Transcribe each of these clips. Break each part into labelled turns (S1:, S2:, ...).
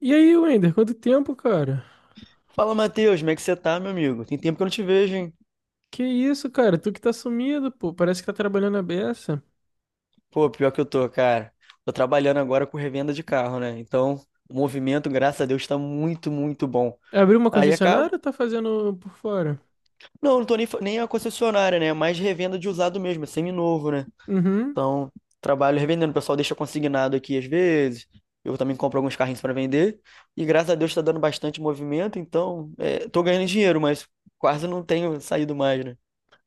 S1: E aí, Wender, quanto tempo, cara?
S2: Fala, Matheus, como é que você tá, meu amigo? Tem tempo que eu não te vejo, hein?
S1: Que isso, cara? Tu que tá sumido, pô. Parece que tá trabalhando a beça.
S2: Pô, pior que eu tô, cara. Tô trabalhando agora com revenda de carro, né? Então, o movimento, graças a Deus, tá muito, muito bom.
S1: Abriu uma
S2: Aí acaba.
S1: concessionária ou tá fazendo por fora?
S2: Não, não tô nem, nem a concessionária, né? É mais revenda de usado mesmo, é seminovo, né?
S1: Uhum.
S2: Então, trabalho revendendo. O pessoal deixa consignado aqui às vezes. Eu também compro alguns carrinhos pra vender. E graças a Deus tá dando bastante movimento, então, é, tô ganhando dinheiro, mas quase não tenho saído mais, né?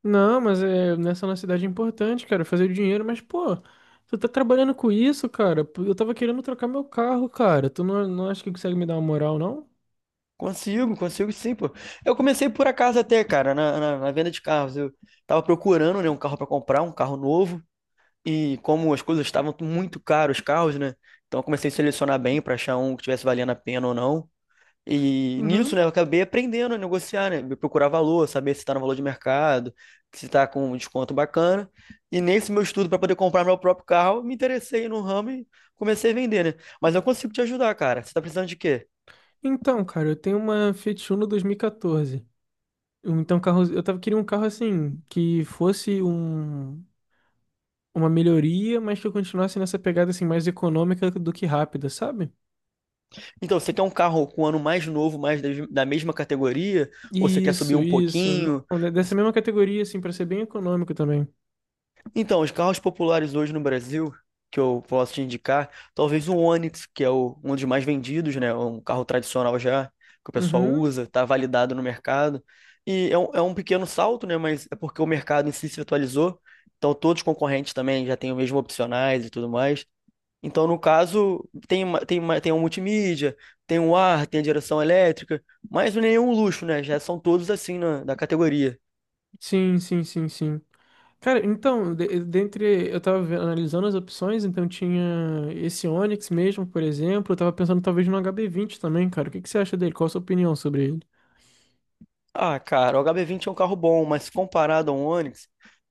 S1: Não, mas é, nessa nossa cidade é importante, cara, fazer o dinheiro. Mas, pô, tu tá trabalhando com isso, cara? Pô, eu tava querendo trocar meu carro, cara. Tu não acha que consegue me dar uma moral, não?
S2: Consigo, consigo sim, pô. Eu comecei por acaso até, cara, na venda de carros. Eu tava procurando, né, um carro pra comprar, um carro novo. E como as coisas estavam muito caras, os carros, né? Então eu comecei a selecionar bem pra achar um que tivesse valendo a pena ou não. E nisso, né,
S1: Uhum.
S2: eu acabei aprendendo a negociar, né? Procurar valor, saber se tá no valor de mercado, se tá com um desconto bacana. E nesse meu estudo pra poder comprar meu próprio carro, me interessei no ramo e comecei a vender, né? Mas eu consigo te ajudar, cara. Você tá precisando de quê?
S1: Então, cara, eu tenho uma Fiat Uno 2014. Então, carro, eu tava queria um carro assim, uma melhoria, mas que eu continuasse nessa pegada assim mais econômica do que rápida, sabe?
S2: Então, você quer um carro com um ano mais novo, mais da mesma categoria? Ou você quer subir
S1: Isso,
S2: um
S1: isso.
S2: pouquinho?
S1: Não, né, dessa mesma categoria, assim, para ser bem econômico também.
S2: Então, os carros populares hoje no Brasil, que eu posso te indicar, talvez o Onix, que é um dos mais vendidos, né? Um carro tradicional já, que o pessoal
S1: Uhum.
S2: usa, está validado no mercado. E é um pequeno salto, né? Mas é porque o mercado em si se atualizou. Então, todos os concorrentes também já têm o mesmo opcionais e tudo mais. Então, no caso, tem um multimídia, tem um ar, tem a direção elétrica, mas não é nenhum luxo, né? Já são todos assim na, da categoria.
S1: Sim, sim, sim, sim. Cara, então, de- dentre. Eu tava analisando as opções, então tinha esse Onix mesmo, por exemplo. Eu tava pensando talvez no HB20 também, cara. O que que você acha dele? Qual a sua opinião sobre ele?
S2: Ah, cara, o HB20 é um carro bom, mas comparado a um Onix,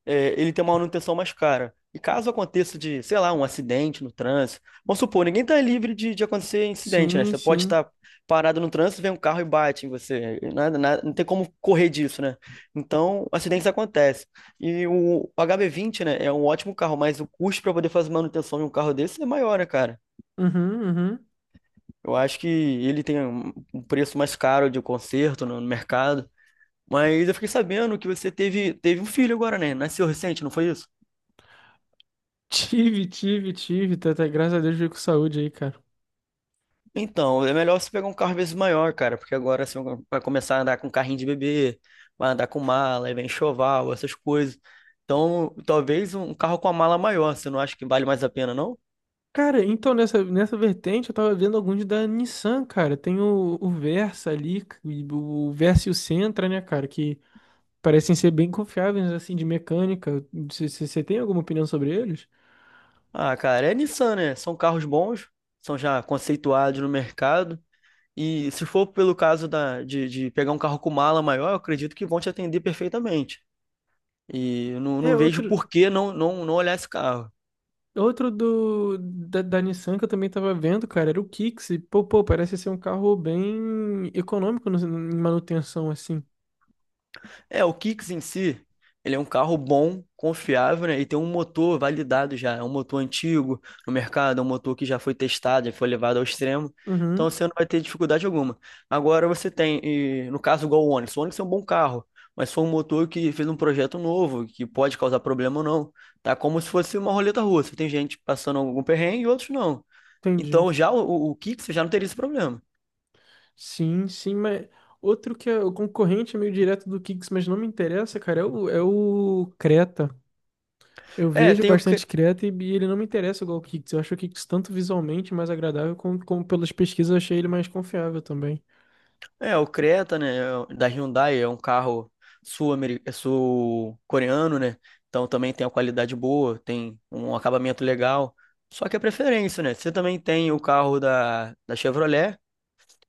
S2: é, ele tem uma manutenção mais cara. E caso aconteça de, sei lá, um acidente no trânsito, vamos supor, ninguém está livre de acontecer incidente, né?
S1: Sim,
S2: Você pode
S1: sim.
S2: estar parado no trânsito, vem um carro e bate em você. Não tem como correr disso, né? Então, acidentes acontecem. E o HB20, né, é um ótimo carro, mas o custo para poder fazer manutenção de um carro desse é maior, né, cara?
S1: Uhum, uhum.
S2: Eu acho que ele tem um preço mais caro de conserto no mercado. Mas eu fiquei sabendo que você teve um filho agora, né? Nasceu recente, não foi isso?
S1: Tive, tive, tive. Tá, tá, graças a Deus veio com saúde aí, cara.
S2: Então, é melhor você pegar um carro às vezes maior, cara, porque agora você vai começar a andar com carrinho de bebê, vai andar com mala, aí vem enxoval, essas coisas. Então, talvez um carro com a mala maior, você não acha que vale mais a pena, não?
S1: Cara, então nessa vertente eu tava vendo alguns da Nissan, cara. Tem o Versa ali, e o Versa e o Sentra, né, cara, que parecem ser bem confiáveis, assim, de mecânica. Você tem alguma opinião sobre eles?
S2: Ah, cara, é Nissan, né? São carros bons, são já conceituados no mercado. E se for pelo caso de pegar um carro com mala maior, eu acredito que vão te atender perfeitamente. E eu não,
S1: É
S2: não vejo
S1: outro.
S2: por que não olhar esse carro.
S1: Outro da Nissan que eu também tava vendo, cara, era o Kicks. E, pô, parece ser um carro bem econômico em manutenção, assim.
S2: É, o Kicks em si, ele é um carro bom, confiável, né? E tem um motor validado já. É um motor antigo no mercado, é um motor que já foi testado, já foi levado ao extremo.
S1: Uhum,
S2: Então você não vai ter dificuldade alguma. Agora você no caso, igual o Onix. O Onix é um bom carro, mas foi um motor que fez um projeto novo, que pode causar problema ou não. Tá como se fosse uma roleta russa. Tem gente passando algum perrengue e outros não.
S1: entendi.
S2: Então já o Kicks já não teria esse problema.
S1: Sim, sim, mas outro que é o concorrente é meio direto do Kicks, mas não me interessa, cara, é o Creta. Eu
S2: É,
S1: vejo bastante Creta e ele não me interessa igual o Kicks. Eu acho o Kicks tanto visualmente mais agradável, como, como pelas pesquisas eu achei ele mais confiável também.
S2: O Creta, né, é da Hyundai, é um carro é sul-coreano, né? Então também tem uma qualidade boa, tem um acabamento legal. Só que é preferência, né? Você também tem o carro da Chevrolet,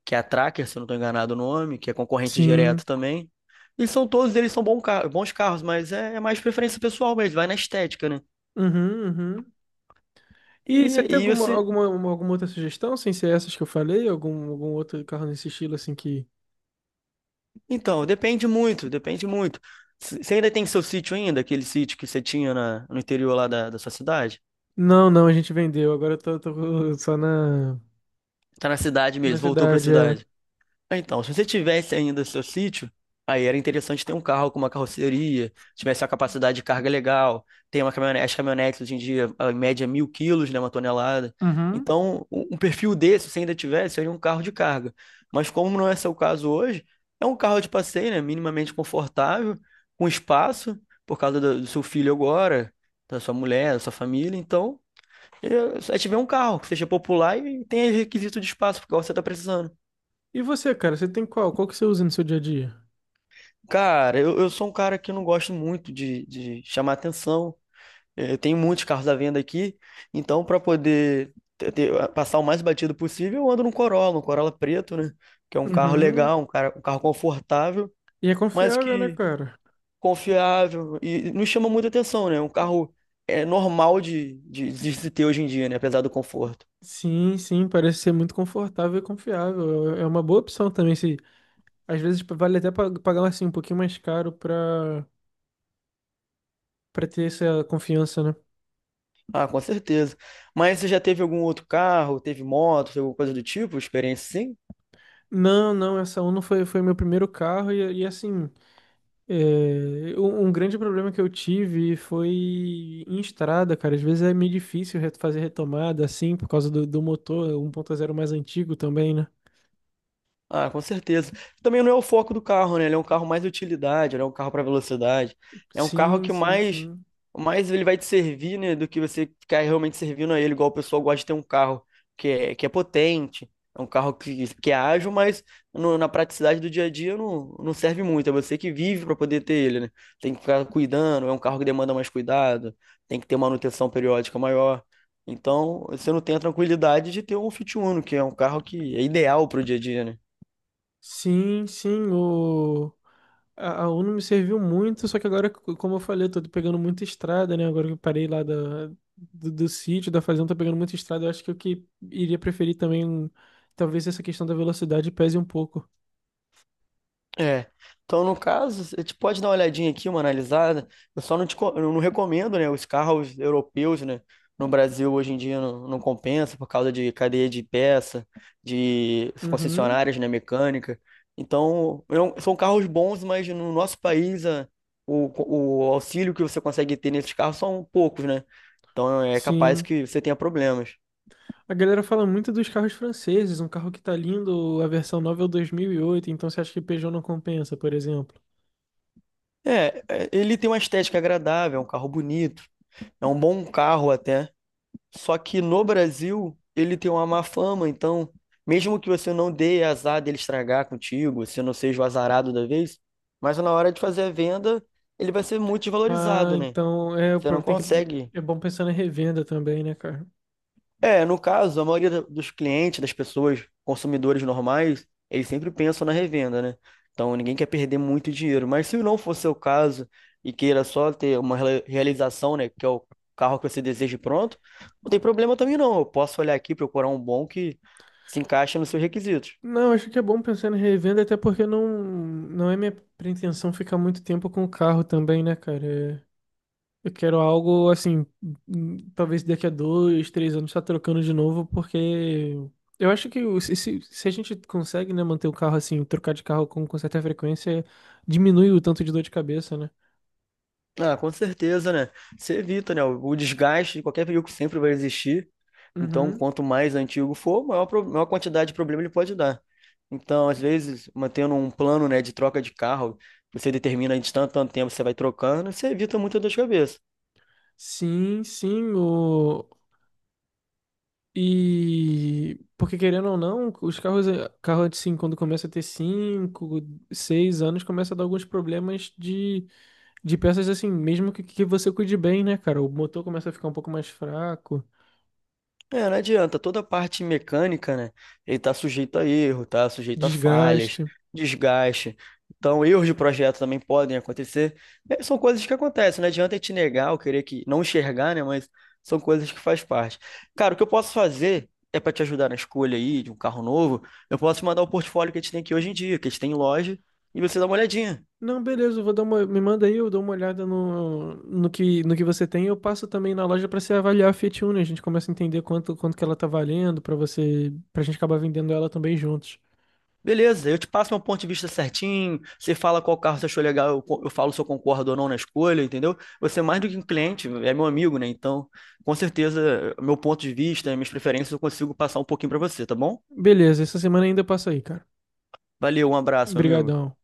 S2: que é a Tracker, se eu não estou enganado o nome, que é concorrente direto
S1: Sim.
S2: também. E são todos eles são bons carros, mas é mais preferência pessoal mesmo, vai na estética, né?
S1: Uhum, uhum. E você
S2: E,
S1: tem
S2: e esse,
S1: alguma outra sugestão, sem ser essas que eu falei? Algum outro carro nesse estilo, assim, que...
S2: então, depende muito, depende muito. Você ainda tem seu sítio ainda, aquele sítio que você tinha no interior lá da sua cidade?
S1: Não, não, a gente vendeu. Agora eu tô só na,
S2: Tá na cidade
S1: na
S2: mesmo, voltou pra
S1: cidade, é.
S2: cidade. Ah, então, se você tivesse ainda seu sítio, aí era interessante ter um carro com uma carroceria, tivesse uma capacidade de carga legal, tem uma caminhonete, as caminhonetes hoje em dia, a média é 1.000 quilos, né, uma tonelada.
S1: Uhum.
S2: Então, um perfil desse, se ainda tivesse, seria um carro de carga. Mas como não é seu caso hoje, é um carro de passeio, né, minimamente confortável, com espaço, por causa do seu filho agora, da sua mulher, da sua família, então a gente um carro que seja popular e tenha requisito de espaço, porque você tá precisando.
S1: E você, cara, você tem qual? Qual que você usa no seu dia a dia?
S2: Cara, eu sou um cara que não gosto muito de chamar atenção. É, eu tenho muitos carros à venda aqui, então para poder passar o mais batido possível, eu ando num Corolla, um Corolla preto, né? Que é um carro
S1: Uhum.
S2: legal, um carro confortável,
S1: E é
S2: mas
S1: confiável, né,
S2: que
S1: cara?
S2: confiável e não chama muita atenção, né? É um carro é normal de se ter hoje em dia, né? Apesar do conforto.
S1: Sim, sim, parece ser muito confortável e confiável. É é uma boa opção também, se às vezes vale até pagar assim um pouquinho mais caro pra para ter essa confiança, né?
S2: Ah, com certeza. Mas você já teve algum outro carro, teve moto, teve alguma coisa do tipo, experiência sim?
S1: Não, não, essa Uno foi meu primeiro carro e assim, é, um grande problema que eu tive foi em estrada, cara. Às vezes é meio difícil fazer retomada assim, por causa do motor 1.0 mais antigo também, né?
S2: Ah, com certeza. Também não é o foco do carro, né? Ele é um carro mais utilidade, ele é um carro para velocidade. É um carro
S1: Sim,
S2: que
S1: sim,
S2: mais,
S1: sim.
S2: mais ele vai te servir, né, do que você ficar realmente servindo a ele, igual o pessoal gosta de ter um carro que é potente, é um carro que é ágil, mas na praticidade do dia a dia não serve muito. É você que vive para poder ter ele, né? Tem que ficar cuidando, é um carro que demanda mais cuidado, tem que ter manutenção periódica maior. Então, você não tem a tranquilidade de ter um Fit Uno, que é um carro que é ideal para o dia a dia, né?
S1: Sim, sim, o... A, a Uno me serviu muito, só que agora, como eu falei, eu tô pegando muita estrada, né? Agora que eu parei lá da, do sítio, da fazenda, tô pegando muita estrada. Eu acho que o que iria preferir também, talvez essa questão da velocidade pese um pouco.
S2: É. Então, no caso, você te pode dar uma olhadinha aqui, uma analisada. Eu só não te, eu não recomendo, né? Os carros europeus, né? No Brasil, hoje em dia, não compensa por causa de cadeia de peça, de
S1: Uhum,
S2: concessionárias, né? Mecânica. Então, são carros bons, mas no nosso país, o auxílio que você consegue ter nesses carros são poucos, né? Então, é capaz
S1: sim.
S2: que você tenha problemas.
S1: A galera fala muito dos carros franceses, um carro que tá lindo, a versão nova é o 2008. Então você acha que Peugeot não compensa, por exemplo?
S2: É, ele tem uma estética agradável, é um carro bonito, é um bom carro até. Só que no Brasil, ele tem uma má fama, então, mesmo que você não dê azar dele estragar contigo, você não seja o azarado da vez, mas na hora de fazer a venda, ele vai ser muito
S1: Ah,
S2: desvalorizado, né?
S1: então é, o
S2: Você não
S1: problema tem que
S2: consegue
S1: é bom pensar na revenda também, né, cara?
S2: é, no caso, a maioria dos clientes, das pessoas, consumidores normais, eles sempre pensam na revenda, né? Então ninguém quer perder muito dinheiro. Mas se não for seu caso e queira só ter uma realização, né, que é o carro que você deseja e pronto, não tem problema também não. Eu posso olhar aqui, procurar um bom que se encaixe nos seus requisitos.
S1: Não, acho que é bom pensar em revenda, até porque não, não é minha pretensão ficar muito tempo com o carro também, né, cara? É, eu quero algo assim, talvez daqui a dois, três anos tá trocando de novo, porque eu acho que se a gente consegue, né, manter o carro assim, trocar de carro com certa frequência, diminui o tanto de dor de cabeça, né?
S2: Ah, com certeza, né? Você evita, né? O desgaste de qualquer veículo sempre vai existir. Então,
S1: Uhum.
S2: quanto mais antigo for, maior, maior quantidade de problema ele pode dar. Então, às vezes, mantendo um plano, né, de troca de carro, você determina de tanto, tanto tempo você vai trocando, você evita muita dor de cabeça.
S1: Sim, sim, o, e porque querendo ou não, os carros, carro assim, quando começa a ter 5 6 anos, começa a dar alguns problemas de peças assim, mesmo que você cuide bem, né, cara? O motor começa a ficar um pouco mais fraco,
S2: É, não adianta. Toda a parte mecânica, né? Ele tá sujeito a erro, tá sujeito a falhas,
S1: desgaste.
S2: desgaste. Então, erros de projeto também podem acontecer. É, são coisas que acontecem. Não adianta eu te negar ou querer que não enxergar, né? Mas são coisas que faz parte. Cara, o que eu posso fazer é para te ajudar na escolha aí de um carro novo. Eu posso te mandar o portfólio que a gente tem aqui hoje em dia, que a gente tem em loja, e você dá uma olhadinha.
S1: Não, beleza, eu vou dar uma, me manda aí, eu dou uma olhada no que você tem. Eu passo também na loja pra você avaliar a Fiat Uno, a gente começa a entender quanto que ela tá valendo pra você, pra gente acabar vendendo ela também juntos.
S2: Beleza, eu te passo meu ponto de vista certinho. Você fala qual carro você achou legal, eu falo se eu concordo ou não na escolha, entendeu? Você é mais do que um cliente, é meu amigo, né? Então, com certeza, meu ponto de vista, minhas preferências, eu consigo passar um pouquinho pra você, tá bom?
S1: Beleza, essa semana ainda passa aí, cara.
S2: Valeu, um abraço, meu amigo.
S1: Obrigadão.